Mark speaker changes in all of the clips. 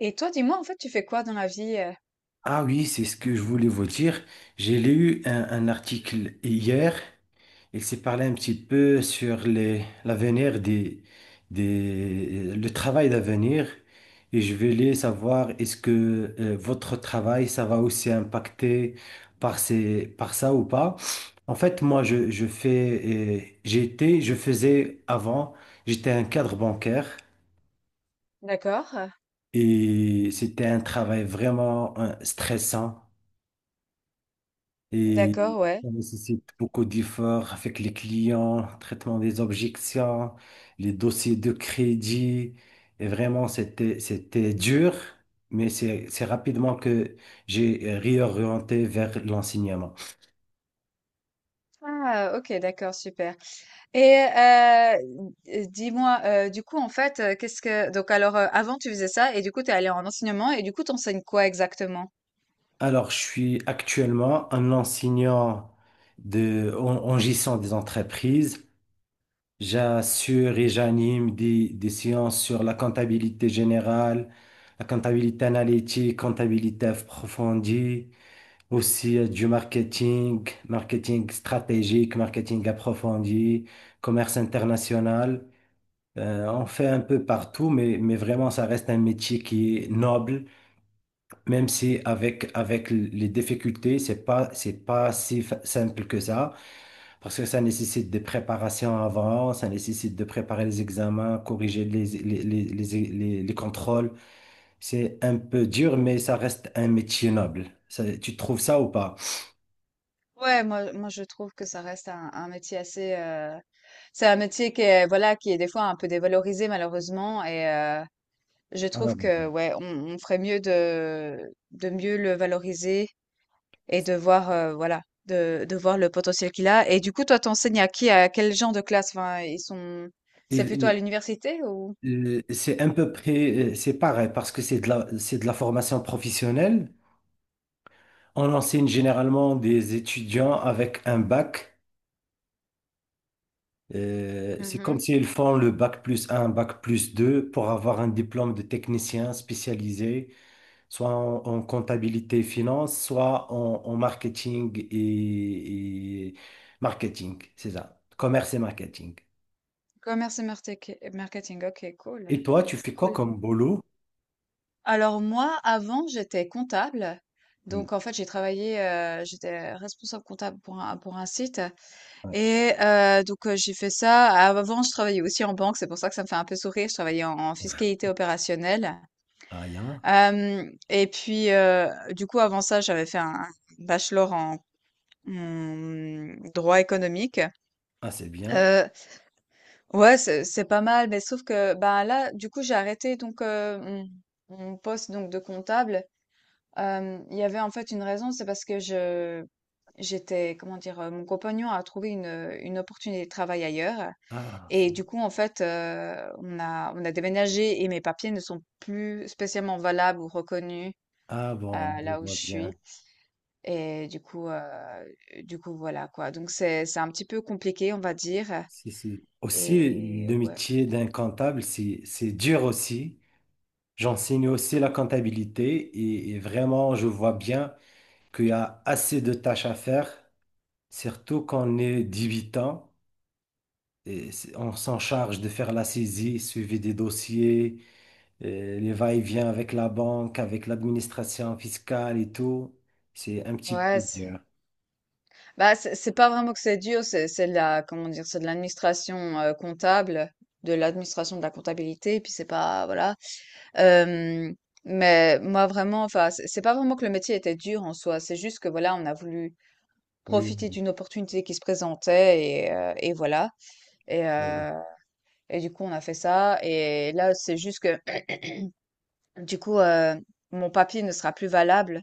Speaker 1: Et toi, dis-moi, en fait, tu fais quoi dans la vie?
Speaker 2: Ah oui, c'est ce que je voulais vous dire. J'ai lu un article hier. Il s'est parlé un petit peu sur l'avenir le travail d'avenir. Et je voulais savoir, est-ce que votre travail, ça va aussi impacter par par ça ou pas? En fait, moi, je fais, je faisais avant, j'étais un cadre bancaire,
Speaker 1: D'accord,
Speaker 2: et c'était un travail vraiment stressant. Et
Speaker 1: d'accord, ouais.
Speaker 2: ça nécessite beaucoup d'efforts avec les clients, traitement des objections, les dossiers de crédit. Et vraiment, c'était dur, mais c'est rapidement que j'ai réorienté vers l'enseignement.
Speaker 1: Ah, ok, d'accord, super. Et dis-moi, du coup, en fait, qu'est-ce que... Donc, alors, avant, tu faisais ça, et du coup, t'es allé en enseignement, et du coup, t'enseignes quoi exactement?
Speaker 2: Alors, je suis actuellement un enseignant en gestion des entreprises. J'assure et j'anime des séances sur la comptabilité générale, la comptabilité analytique, comptabilité approfondie, aussi du marketing, marketing stratégique, marketing approfondi, commerce international. On fait un peu partout, mais vraiment, ça reste un métier qui est noble, même si avec les difficultés, c'est pas si simple que ça, parce que ça nécessite des préparations avant, ça nécessite de préparer les examens, corriger les contrôles. C'est un peu dur, mais ça reste un métier noble. Tu trouves ça ou pas?
Speaker 1: Ouais, moi, je trouve que ça reste un métier assez... c'est un métier qui est, voilà, qui est des fois un peu dévalorisé, malheureusement, je trouve que, ouais, on ferait mieux de mieux le valoriser. Et de voir, voilà, de voir le potentiel qu'il a. Et du coup, toi, t'enseignes à qui? À quel genre de classe? Enfin, ils sont, c'est plutôt à
Speaker 2: Et,
Speaker 1: l'université, ou?
Speaker 2: c'est un peu près, c'est pareil parce que c'est de c'est de la formation professionnelle. On enseigne généralement des étudiants avec un bac. C'est comme
Speaker 1: Mmh.
Speaker 2: s'ils font le bac plus un bac plus 2 pour avoir un diplôme de technicien spécialisé, soit en comptabilité et finance, soit en marketing et marketing, c'est ça, commerce et marketing.
Speaker 1: Commerce et martek marketing, OK, cool,
Speaker 2: Et toi, tu fais quoi
Speaker 1: cool.
Speaker 2: comme boulot?
Speaker 1: Alors moi, avant, j'étais comptable.
Speaker 2: Oui.
Speaker 1: Donc en fait, j'ai travaillé, j'étais responsable comptable pour un site,
Speaker 2: Ouais.
Speaker 1: j'ai fait ça. Avant, je travaillais aussi en banque, c'est pour ça que ça me fait un peu sourire. Je travaillais en fiscalité opérationnelle.
Speaker 2: Ah, y'a.
Speaker 1: Hem, et puis, heu, du coup, avant ça, j'avais fait un bachelor en droit économique.
Speaker 2: Ah, c'est bien.
Speaker 1: Heu, ouais, c'est pas mal, mais sauf que, bah, là, du coup, j'ai arrêté donc, mon poste donc de comptable. Hem, il y avait en fait une raison, c'est parce que je j'étais, comment dire? Mon compagnon a trouvé une opportunité de travail ailleurs
Speaker 2: Ah,
Speaker 1: et
Speaker 2: c'est.
Speaker 1: du coup, en fait, on a déménagé, et mes papiers ne sont plus spécialement valables ou reconnus,
Speaker 2: Ah bon,
Speaker 1: heu,
Speaker 2: je
Speaker 1: là où
Speaker 2: vois
Speaker 1: je
Speaker 2: bien.
Speaker 1: suis. Et du coup, voilà quoi. Donc c'est un petit peu compliqué, on va dire,
Speaker 2: Si, si. Aussi,
Speaker 1: et
Speaker 2: le
Speaker 1: ouais.
Speaker 2: métier d'un comptable, c'est dur aussi. J'enseigne aussi la comptabilité et vraiment, je vois bien qu'il y a assez de tâches à faire, surtout quand on est débutant. Et on s'en charge de faire la saisie, suivi des dossiers, les va-et-vient avec la banque, avec l'administration fiscale et tout. C'est un petit
Speaker 1: Ouais,
Speaker 2: peu
Speaker 1: c'est,
Speaker 2: dur.
Speaker 1: bah, c'est pas vraiment que c'est dur, c'est de la, comment dire? C'est de l'administration, comptable, de l'administration de la comptabilité, et puis c'est pas, voilà. Hem, mais moi vraiment, enfin, c'est pas vraiment que le métier était dur en soi, c'est juste que voilà, on a voulu
Speaker 2: Oui,
Speaker 1: profiter
Speaker 2: oui.
Speaker 1: d'une opportunité qui se présentait, et voilà. et
Speaker 2: Oui.
Speaker 1: heu et du coup, on a fait ça, et là, c'est juste que, du coup, mon papier ne sera plus valable.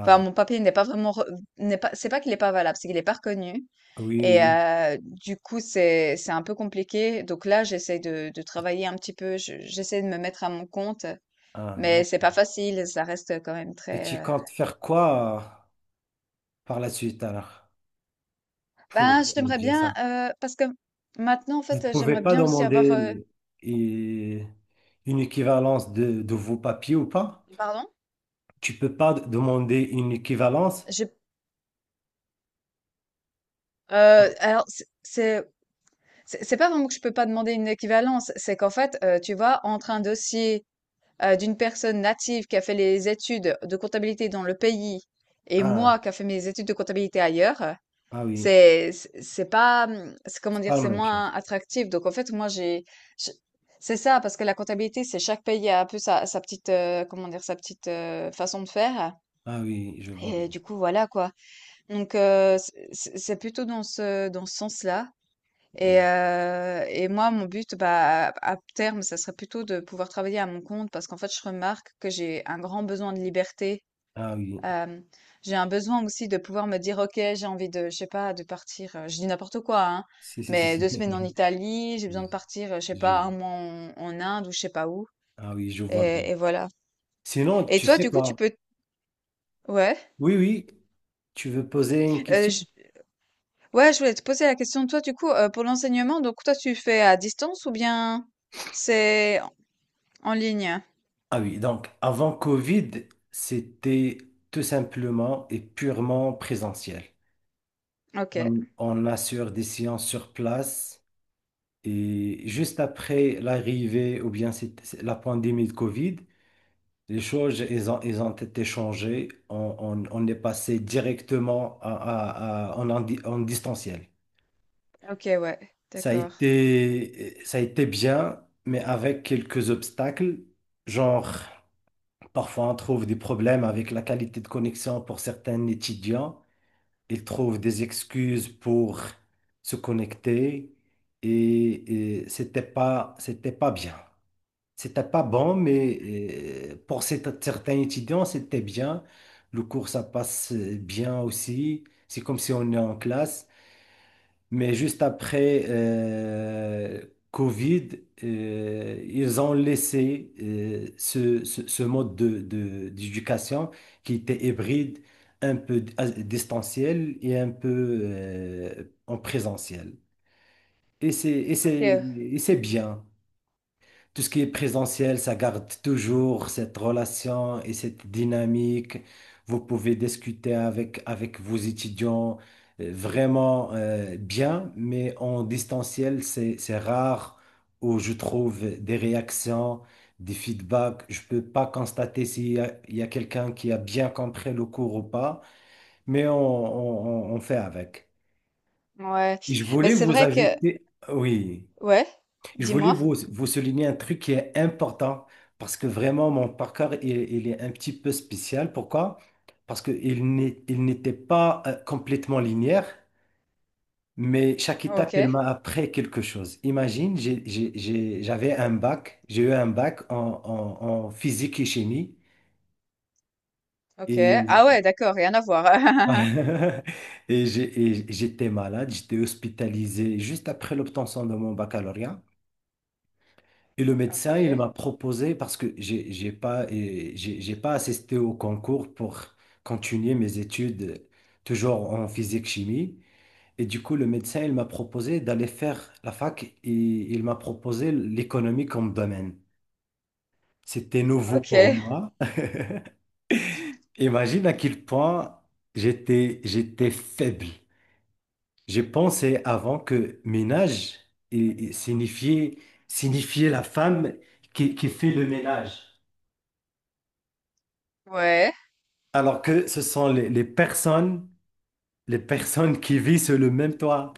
Speaker 1: Enfin, mon papier n'est pas vraiment re n'est pas, c'est pas qu'il est pas valable, c'est qu'il est pas reconnu,
Speaker 2: oui, oui.
Speaker 1: du coup, c'est un peu compliqué. Donc là, j'essaie de travailler un petit peu, je j'essaie de me mettre à mon compte,
Speaker 2: Ah.
Speaker 1: mais c'est pas facile, ça reste quand même
Speaker 2: Et
Speaker 1: très,
Speaker 2: tu comptes faire quoi par la suite alors pour
Speaker 1: ben, j'aimerais
Speaker 2: remédier à
Speaker 1: bien,
Speaker 2: ça?
Speaker 1: parce que maintenant, en
Speaker 2: Vous ne
Speaker 1: fait,
Speaker 2: pouvez
Speaker 1: j'aimerais
Speaker 2: pas
Speaker 1: bien aussi avoir,
Speaker 2: demander une équivalence de vos papiers ou pas?
Speaker 1: pardon?
Speaker 2: Tu peux pas demander une équivalence?
Speaker 1: J'ai alors c'est pas vraiment que je peux pas demander une équivalence, c'est qu'en fait, tu vois, entre un dossier d'une personne native qui a fait les études de comptabilité dans le pays, et moi
Speaker 2: Ah,
Speaker 1: qui a fait mes études de comptabilité ailleurs,
Speaker 2: ah oui,
Speaker 1: c'est pas, c'est, comment
Speaker 2: c'est pas
Speaker 1: dire,
Speaker 2: la
Speaker 1: c'est
Speaker 2: même
Speaker 1: moins
Speaker 2: chose.
Speaker 1: attractif. Donc en fait, je- c'est ça parce que la comptabilité, c'est chaque pays a un peu sa, sa petite comment dire, sa petite façon de faire,
Speaker 2: Ah oui, je vois bien.
Speaker 1: et du coup voilà quoi. Donc c'est plutôt dans ce sens-là. Et moi, mon but, bah, à terme, ça serait plutôt de pouvoir travailler à mon compte, parce qu'en fait, je remarque que j'ai un grand besoin de liberté.
Speaker 2: Ah oui,
Speaker 1: Hem, j'ai un besoin aussi de pouvoir me dire: «OK, j'ai envie de, je sais pas, de partir», je dis n'importe quoi, hein,
Speaker 2: si, si, si,
Speaker 1: mais 2
Speaker 2: si.
Speaker 1: semaines en Italie, j'ai besoin de
Speaker 2: Je-
Speaker 1: partir, je sais pas,
Speaker 2: je-
Speaker 1: un mois en Inde ou je sais pas où,
Speaker 2: ah oui, je vois bien.
Speaker 1: et voilà.
Speaker 2: Sinon,
Speaker 1: Et
Speaker 2: tu
Speaker 1: toi,
Speaker 2: sais
Speaker 1: du coup, tu
Speaker 2: quoi?
Speaker 1: peux, ouais,
Speaker 2: Oui, oui, tu veux poser une question?
Speaker 1: j ouais, je voulais te poser la question, toi, du coup, pour l'enseignement, donc toi, tu fais à distance ou bien c'est en ligne?
Speaker 2: Ah oui, donc avant Covid, c'était tout simplement et purement présentiel.
Speaker 1: OK.
Speaker 2: On assure des séances sur place et juste après l'arrivée ou bien c'est la pandémie de Covid, les choses, elles ont été changées. On est passé directement en, en distanciel.
Speaker 1: OK, ouais, d'accord.
Speaker 2: Ça a été bien, mais avec quelques obstacles, genre. Parfois, on trouve des problèmes avec la qualité de connexion pour certains étudiants. Ils trouvent des excuses pour se connecter et c'était pas bien. C'était pas bon, mais pour certains étudiants, c'était bien. Le cours, ça passe bien aussi. C'est comme si on est en classe. Mais juste après Covid, ils ont laissé ce, ce mode d'éducation qui était hybride, un peu distanciel et un peu en présentiel. Et c'est, et c'est,
Speaker 1: OK,
Speaker 2: et c'est bien. Tout ce qui est présentiel, ça garde toujours cette relation et cette dynamique. Vous pouvez discuter avec vos étudiants vraiment bien, mais en distanciel, c'est rare où je trouve des réactions, des feedbacks. Je peux pas constater s'il il y a quelqu'un qui a bien compris le cours ou pas, mais on fait avec.
Speaker 1: ouais.
Speaker 2: Et je
Speaker 1: Mais
Speaker 2: voulais
Speaker 1: c'est
Speaker 2: vous
Speaker 1: vrai que...
Speaker 2: ajouter, oui.
Speaker 1: Ouais,
Speaker 2: Je voulais
Speaker 1: dis-moi.
Speaker 2: vous souligner un truc qui est important, parce que vraiment mon parcours il est un petit peu spécial. Pourquoi? Parce qu'il n'est, il n'était pas complètement linéaire, mais chaque étape elle
Speaker 1: OK,
Speaker 2: m'a appris quelque chose. Imagine, j'avais un bac, j'ai eu un bac en physique et chimie
Speaker 1: OK.
Speaker 2: et,
Speaker 1: Ah ouais, d'accord, rien à voir.
Speaker 2: et et j'étais malade, j'étais hospitalisé juste après l'obtention de mon baccalauréat. Et le médecin, il
Speaker 1: OK,
Speaker 2: m'a proposé, parce que j'ai pas assisté au concours pour continuer mes études, toujours en physique-chimie. Et du coup, le médecin, il m'a proposé d'aller faire la fac et il m'a proposé l'économie comme domaine. C'était nouveau pour
Speaker 1: OK,
Speaker 2: moi. Imagine à quel point j'étais faible. J'ai pensé avant que ménage et signifiait, signifiait la femme qui fait le ménage.
Speaker 1: ouais.
Speaker 2: Alors que ce sont les personnes qui vivent sur le même toit.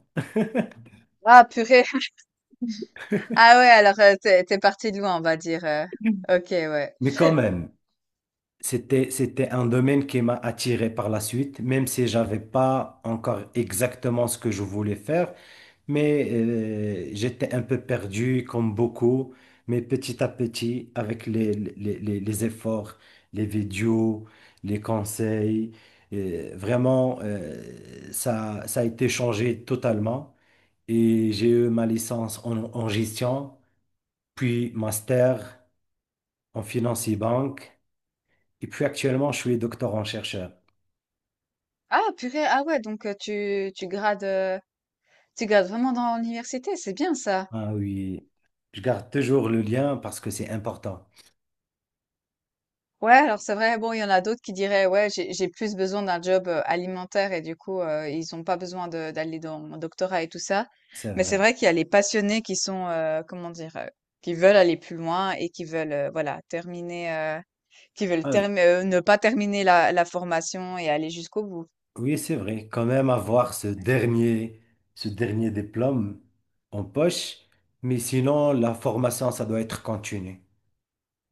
Speaker 1: Ah, purée. Ah ouais, alors t'es, t'es parti de loin, on va dire. OK, ouais.
Speaker 2: Mais quand même, c'était un domaine qui m'a attiré par la suite, même si j'avais pas encore exactement ce que je voulais faire. Mais j'étais un peu perdu, comme beaucoup. Mais petit à petit, avec les efforts, les vidéos, les conseils, vraiment, ça a été changé totalement. Et j'ai eu ma licence en gestion, puis master en finance et banque. Et puis actuellement, je suis doctorant chercheur.
Speaker 1: Ah, purée, ah ouais, donc tu, tu grades vraiment dans l'université, c'est bien ça.
Speaker 2: Ah oui, je garde toujours le lien parce que c'est important.
Speaker 1: Ouais, alors c'est vrai, bon, il y en a d'autres qui diraient, ouais, j'ai plus besoin d'un job alimentaire, et du coup, ils ont pas besoin d'aller dans mon doctorat et tout ça.
Speaker 2: C'est
Speaker 1: Mais c'est
Speaker 2: vrai.
Speaker 1: vrai qu'il y a les passionnés qui sont, comment dire, qui veulent aller plus loin et qui veulent, voilà, qui veulent
Speaker 2: Ah
Speaker 1: ne pas terminer la, la formation et aller jusqu'au bout.
Speaker 2: oui, c'est vrai. Quand même avoir ce dernier diplôme en poche, mais sinon, la formation, ça doit être continue.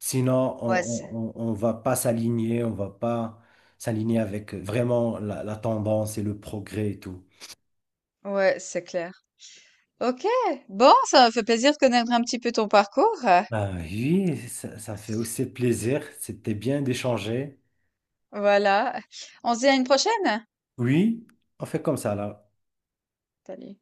Speaker 2: Sinon,
Speaker 1: Ouais, c'est,
Speaker 2: on va pas s'aligner, on va pas s'aligner avec vraiment la tendance et le progrès et tout.
Speaker 1: ouais, c'est clair. Ok, bon, ça me fait plaisir de connaître un petit peu ton parcours.
Speaker 2: Ah oui, ça fait aussi plaisir. C'était bien d'échanger.
Speaker 1: Voilà, on se dit à une prochaine.
Speaker 2: Oui, on fait comme ça là.
Speaker 1: Salut.